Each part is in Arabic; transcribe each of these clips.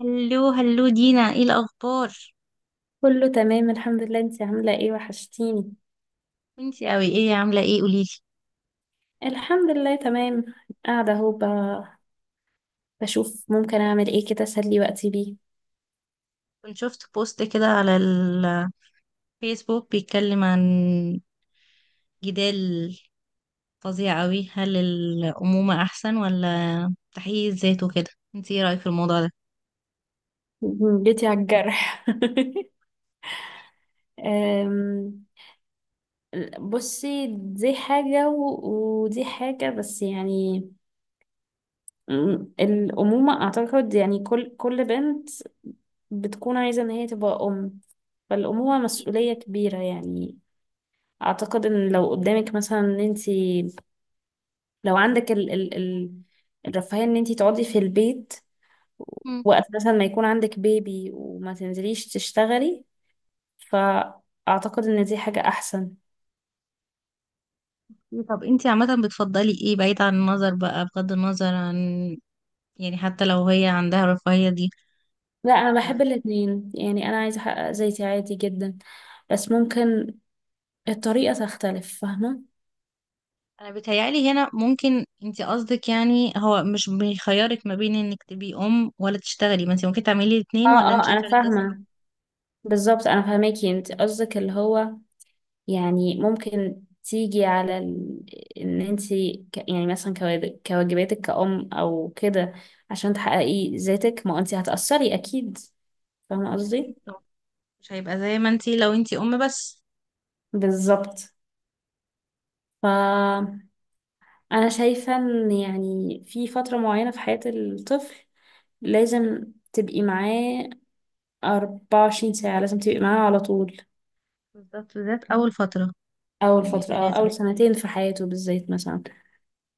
هلو هلو دينا، ايه الاخبار؟ كله تمام الحمد لله، انتي عاملة ايه؟ وحشتيني. انتي اوي، ايه عامله ايه؟ قوليلي. الحمد لله تمام. قاعدة اهو بشوف ممكن اعمل ايه كده، اسلي وقتي بيه. كنت شفت بوست كده على الفيسبوك بيتكلم عن جدال فظيع اوي. هل الامومه احسن ولا تحقيق الذات وكده؟ انتي ايه رايك في الموضوع ده؟ جيتي على الجرح. أم، بصي دي حاجة ودي حاجة، بس يعني الأمومة أعتقد يعني كل بنت بتكون عايزة إن هي تبقى أم. فالأمومة أكيد. مسؤولية كبيرة يعني. أعتقد إن لو قدامك مثلا إن أنت لو عندك ال الرفاهية ان انتي تقعدي في البيت، مم. وقت مثلا ما يكون عندك بيبي وما تنزليش تشتغلي، فأعتقد ان دي حاجة احسن. طب انتي عامه بتفضلي ايه، بعيد عن النظر بقى، بغض النظر عن، يعني حتى لو هي عندها الرفاهيه دي؟ لا انا بحب الاتنين، يعني انا عايزة احقق ذاتي عادي جدا، بس ممكن الطريقة تختلف، فاهمة؟ انا بيتهيألي هنا ممكن انت قصدك، يعني هو مش بيخيرك ما بين انك تبقي ام ولا تشتغلي، ما انت ممكن تعملي اه الاثنين، ولا انت اه شايفه انا إن ده صعب؟ فاهمة. بالظبط انا فاهماكي، انت قصدك اللي هو يعني ممكن تيجي على ان انت يعني مثلا كواجباتك كأم او كده، عشان تحققي ذاتك ما انت هتأثري اكيد. فاهمة قصدي؟ اكيد طبعا. مش هيبقى زي ما انت لو انت ام بس. بالظبط. ف انا شايفة ان يعني في فترة معينة في حياة الطفل لازم تبقي معاه 24 ساعة، لازم تبقي معاه على طول. بالظبط، بالذات اول فتره. اول يعني فترة ده أو لازم. اول سنتين في حياته بالذات مثلا.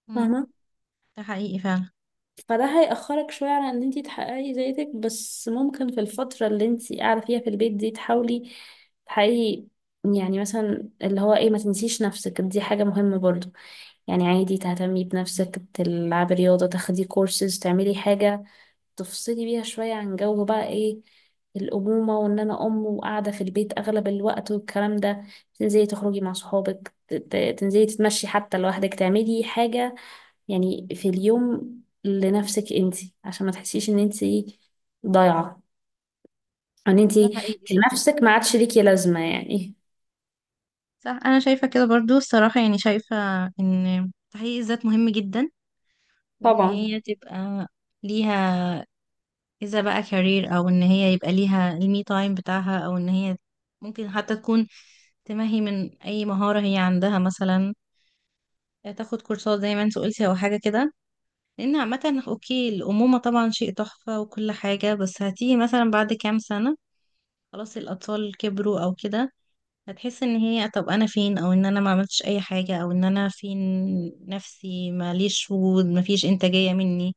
امم فاهمة. ده حقيقي فعلا. فده هيأخرك شوية على ان انتي تحققي ذاتك، بس ممكن في الفترة اللي انتي قاعدة فيها في البيت دي تحاولي تحققي يعني مثلا اللي هو ايه، ما تنسيش نفسك، دي حاجة مهمة برضو. يعني عادي تهتمي بنفسك، تلعبي رياضة، تاخدي كورسز، تعملي حاجة تفصلي بيها شوية عن جو بقى ايه الأمومة وإن أنا أم وقاعدة في البيت أغلب الوقت والكلام ده. تنزلي تخرجي مع صحابك، تنزلي تتمشي حتى لوحدك، تعملي حاجة يعني في اليوم لنفسك انتي، عشان ما تحسيش ان انتي ضايعة، ان ده انتي حقيقي، صح. كنفسك ما عادش ليكي لازمة يعني. صح، انا شايفه كده برضو الصراحه، يعني شايفه ان تحقيق الذات مهم جدا، وان طبعا. هي تبقى ليها، إذا بقى كارير، أو إن هي يبقى ليها المي تايم بتاعها، أو إن هي ممكن حتى تكون تمهي من أي مهارة هي عندها، مثلا تاخد كورسات زي ما انت قلتي أو حاجة كده. لأن عامة أوكي، الأمومة طبعا شيء تحفة وكل حاجة، بس هتيجي مثلا بعد كام سنة خلاص الأطفال كبروا أو كده، هتحس إن هي، طب أنا فين؟ أو إن أنا ما عملتش أي حاجة، أو إن أنا فين؟ نفسي ماليش وجود، مفيش إنتاجية مني،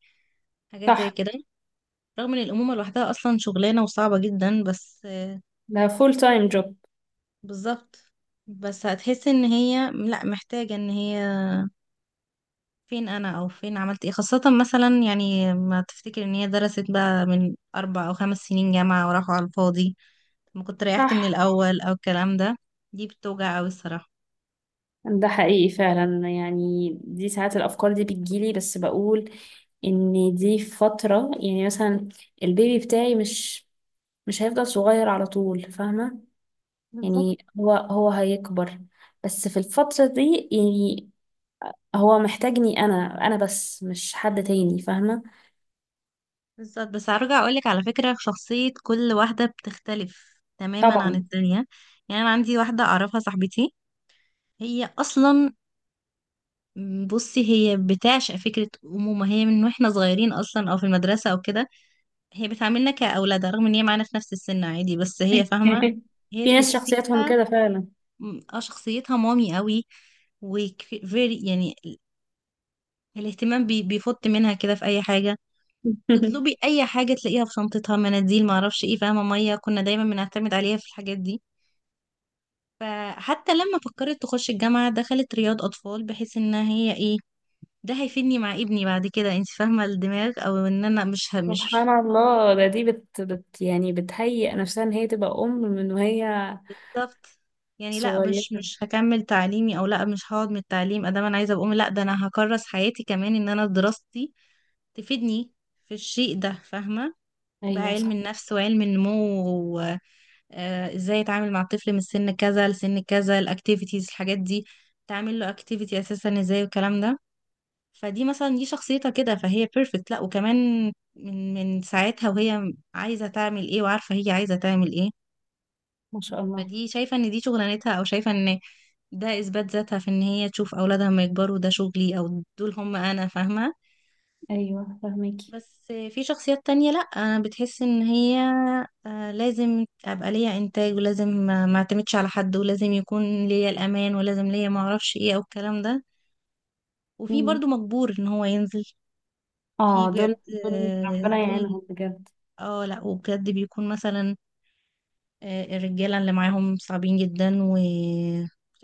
حاجات زي صح. كده. رغم ان الامومه لوحدها اصلا شغلانه وصعبه جدا بس. ده فول تايم جوب. بالظبط. بس هتحسي ان هي، لا، محتاجة ان هي فين انا او فين عملت ايه، خاصة مثلا يعني ما تفتكر ان هي درست بقى من 4 او 5 سنين جامعة وراحوا على الفاضي، ما كنت ريحت من صح. الاول او الكلام ده. دي بتوجع اوي الصراحة. ده حقيقي فعلا، يعني دي ساعات الافكار دي بتجيلي، بس بقول ان دي فترة يعني مثلا البيبي بتاعي مش هيفضل صغير على طول، فاهمة؟ بالظبط يعني هو هيكبر، بس في الفترة دي يعني هو محتاجني انا بس، مش حد تاني، فاهمة؟ بالظبط. بس هرجع اقولك على فكرة، شخصية كل واحدة بتختلف تماما عن طبعا. التانية. يعني انا عندي واحدة اعرفها صاحبتي، هي اصلا، بصي هي بتعشق فكرة أمومة هي من واحنا صغيرين أصلا، أو في المدرسة أو كده. هي بتعاملنا كأولادها، رغم ان هي معانا في نفس السن عادي، بس هي فاهمة. هي في ناس شخصياتهم تحسيها. كده فعلا. اه، شخصيتها مامي قوي. وفيري، يعني الاهتمام بي بيفط منها كده في اي حاجة تطلبي، اي حاجة تلاقيها في شنطتها، مناديل، معرفش ايه، فاهمة؟ مية، كنا دايما بنعتمد عليها في الحاجات دي. فحتى لما فكرت تخش الجامعة دخلت رياض اطفال، بحيث ان هي ايه، ده هيفيدني مع ابني بعد كده، انت فاهمة الدماغ، او ان انا مش. سبحان الله. ده دي بت يعني بتهيئ نفسها ان هي تبقى ام من وهي بالظبط. يعني لا، مش صغيرة. مش هكمل تعليمي، او لا، مش هقعد من التعليم ادام انا عايزه اقوم. لا، ده انا هكرس حياتي كمان ان انا دراستي تفيدني في الشيء ده، فاهمه؟ بقى ايوه علم صح. النفس وعلم النمو، وازاي اتعامل مع الطفل من سن كذا لسن كذا، الاكتيفيتيز، الحاجات دي، تعمل له اكتيفيتي اساسا ازاي، والكلام ده. فدي مثلا، دي شخصيتها كده، فهي بيرفكت. لا وكمان، من ساعتها وهي عايزه تعمل ايه وعارفه هي عايزه تعمل ايه. ما شاء الله. فدي شايفة ان دي شغلانتها، او شايفة ان ده اثبات ذاتها، في ان هي تشوف اولادها لما يكبروا، ده شغلي او دول هم انا، فاهمة. ايوه فاهميكي. بس في شخصيات تانية، لا، أنا بتحس ان هي لازم ابقى ليا انتاج، ولازم ما اعتمدش على حد، ولازم يكون ليا الامان، ولازم ليا ما اعرفش ايه او الكلام ده. وفي مم. برضو مجبور ان هو ينزل. في اه دول بجد. دول آه، ربنا دول. يعينهم بجد. اه لا، وبجد بيكون مثلا الرجالة اللي معاهم صعبين جدا، و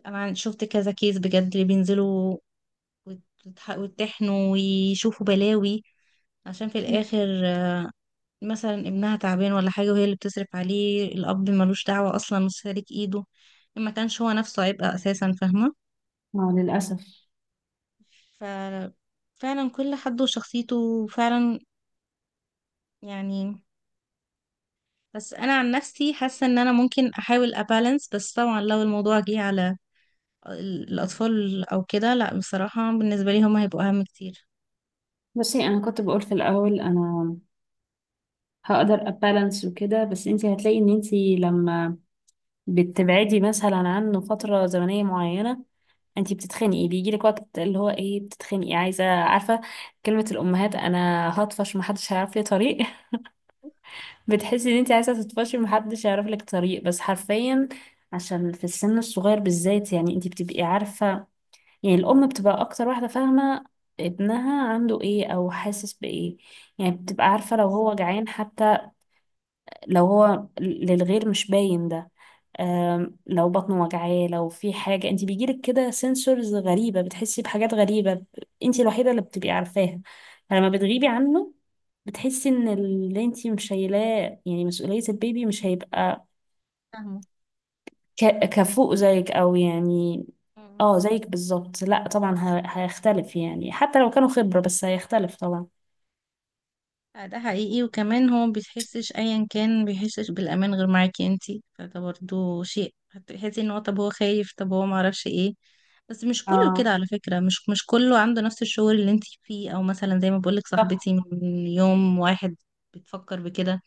أنا شفت كذا كيس بجد اللي بينزلوا ويتحنوا ويشوفوا بلاوي، عشان في مم. الآخر، مثلا ابنها تعبان ولا حاجة، وهي اللي بتصرف عليه، الأب ملوش دعوة أصلا وسالك إيده، ما كانش هو نفسه عبء أساسا فاهمة. اه للاسف. ففعلا كل حد وشخصيته فعلا، يعني. بس أنا عن نفسي حاسة إن أنا ممكن أحاول أبالانس، بس طبعا لو الموضوع جه على الأطفال أو كده، لأ بصراحة، بالنسبة لي هما هيبقوا أهم كتير. بصي انا كنت بقول في الاول انا هقدر ابالانس وكده، بس انتي هتلاقي ان انتي لما بتبعدي مثلا عنه فترة زمنية معينة انتي بتتخنقي، بيجيلك وقت اللي هو ايه، بتتخنقي، عايزة، عارفة كلمة الأمهات أنا هطفش محدش هيعرف لي طريق؟ بتحسي إن انتي عايزة تطفشي محدش هيعرف لك طريق، بس حرفيا. عشان في السن الصغير بالذات يعني انتي بتبقي عارفة، يعني الأم بتبقى أكتر واحدة فاهمة ابنها عنده ايه أو حاسس بإيه. يعني بتبقى عارفة لو هو بالظبط. جعان حتى، لو هو للغير مش باين ده. لو بطنه وجعاه، لو في حاجة انت بيجيلك كده سنسورز غريبة، بتحسي بحاجات غريبة انت الوحيدة اللي بتبقي عارفاها. فلما بتغيبي عنه بتحسي ان اللي انت مش شايلاه يعني مسؤولية البيبي مش هيبقى فاهمة. كفوق زيك او يعني. مم. اه زيك بالظبط، لا طبعا هيختلف، يعني حتى لو كانوا خبرة بس هيختلف طبعا. آه، ده حقيقي. وكمان هو بيحسش أيا كان بيحسش بالأمان غير معاكي انتي، فده برضو شيء هتحسي ان هو طب هو خايف، طب هو معرفش ايه. بس مش كله كده اه على فكرة، مش كله عنده نفس الشعور اللي انتي فيه، او مثلا زي ما بقولك صح. صاحبتي من يوم واحد بتفكر بكده.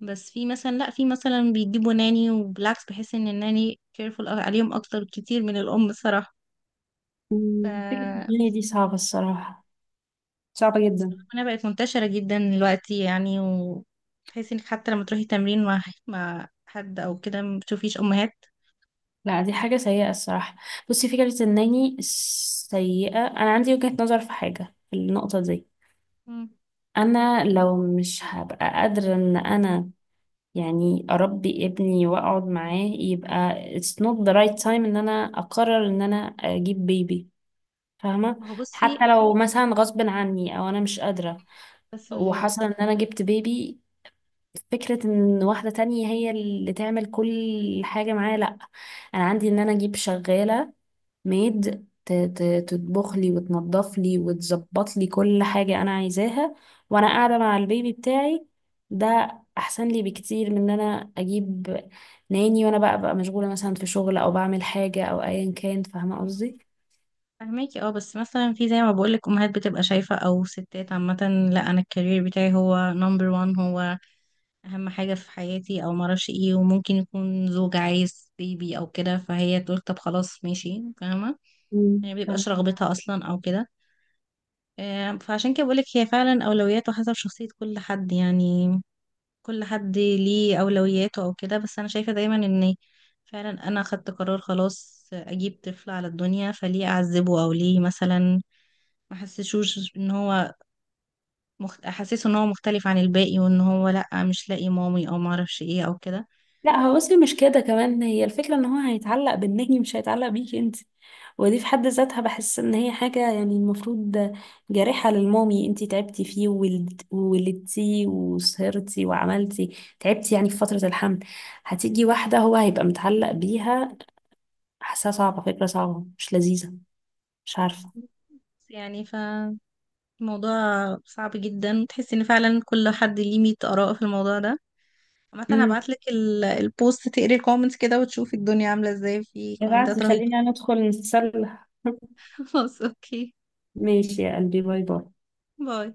بس في مثلا، لا في مثلا بيجيبوا ناني، وبالعكس بحس ان الناني كيرفول عليهم اكتر كتير من الام الصراحة. مم. فكرة ف- الدنيا دي صعبة الصراحة، صعبة جدا. فانا بقت منتشرة جدا دلوقتي يعني، وتحسي انك حتى لما تروحي تمرين مع حد او كده ما بتشوفيش امهات. لا دي حاجة سيئة الصراحة. بصي فكرة الناني سيئة، أنا عندي وجهة نظر في حاجة في النقطة دي. مم. أنا لو مش هبقى قادرة إن أنا يعني أربي ابني وأقعد معاه، يبقى it's not the right time إن أنا أقرر إن أنا أجيب بيبي، فاهمة؟ ما هو حتى بصي. لو مثلا غصب عني أو أنا مش قادرة بس. وحصل إن أنا جبت بيبي، فكرة إن واحدة تانية هي اللي تعمل كل حاجة معايا، لأ. أنا عندي إن أنا أجيب شغالة ميد تطبخ لي وتنظف لي وتظبط لي كل حاجة أنا عايزاها، وأنا قاعدة مع البيبي بتاعي. ده أحسن لي بكتير من إن أنا أجيب ناني وأنا بقى مشغولة مثلا في شغل أو بعمل حاجة أو أيا كان. فاهمة قصدي؟ فهماكي. اه، بس مثلا في زي ما بقولك امهات بتبقى شايفة او ستات عامة، لا، انا الكارير بتاعي هو نمبر وان، هو اهم حاجة في حياتي او معرفش ايه، وممكن يكون زوج عايز بيبي او كده، فهي تقول طب خلاص ماشي فاهمة. مم. يعني مبيبقاش رغبتها اصلا او كده. فعشان كده بقولك هي فعلا أولويات وحسب شخصية كل حد، يعني. كل حد ليه أولوياته أو كده. بس أنا شايفة دايما إن فعلا أنا خدت قرار خلاص أجيب طفل على الدنيا، فليه أعذبه؟ أو ليه مثلا ما أحسسوش إن هو أحسسه إن هو مختلف عن الباقي، وإن هو لأ مش لاقي مامي أو معرفش إيه أو كده. لا هو بصي مش كده، كمان هي الفكرة ان هو هيتعلق بالنجم، مش هيتعلق بيكي انت، ودي في حد ذاتها بحس ان هي حاجة يعني المفروض جارحة للمامي. انت تعبتي فيه وولدتي وسهرتي وعملتي، تعبتي يعني في فترة الحمل، هتيجي واحدة هو هيبقى متعلق بيها. حاسة صعبة، فكرة صعبة مش لذيذة، مش عارفة. بس يعني فالموضوع صعب جدا، تحس إن فعلا كل حد ليه 100 آراء في الموضوع ده. عامة امم هبعتلك البوست تقري الكومنتس كده، وتشوفي الدنيا عاملة ازاي، في ابعتي كومنتات رهيبة. خلينا ندخل نتسلى. خلاص اوكي. ماشي يا قلبي، باي باي. باي.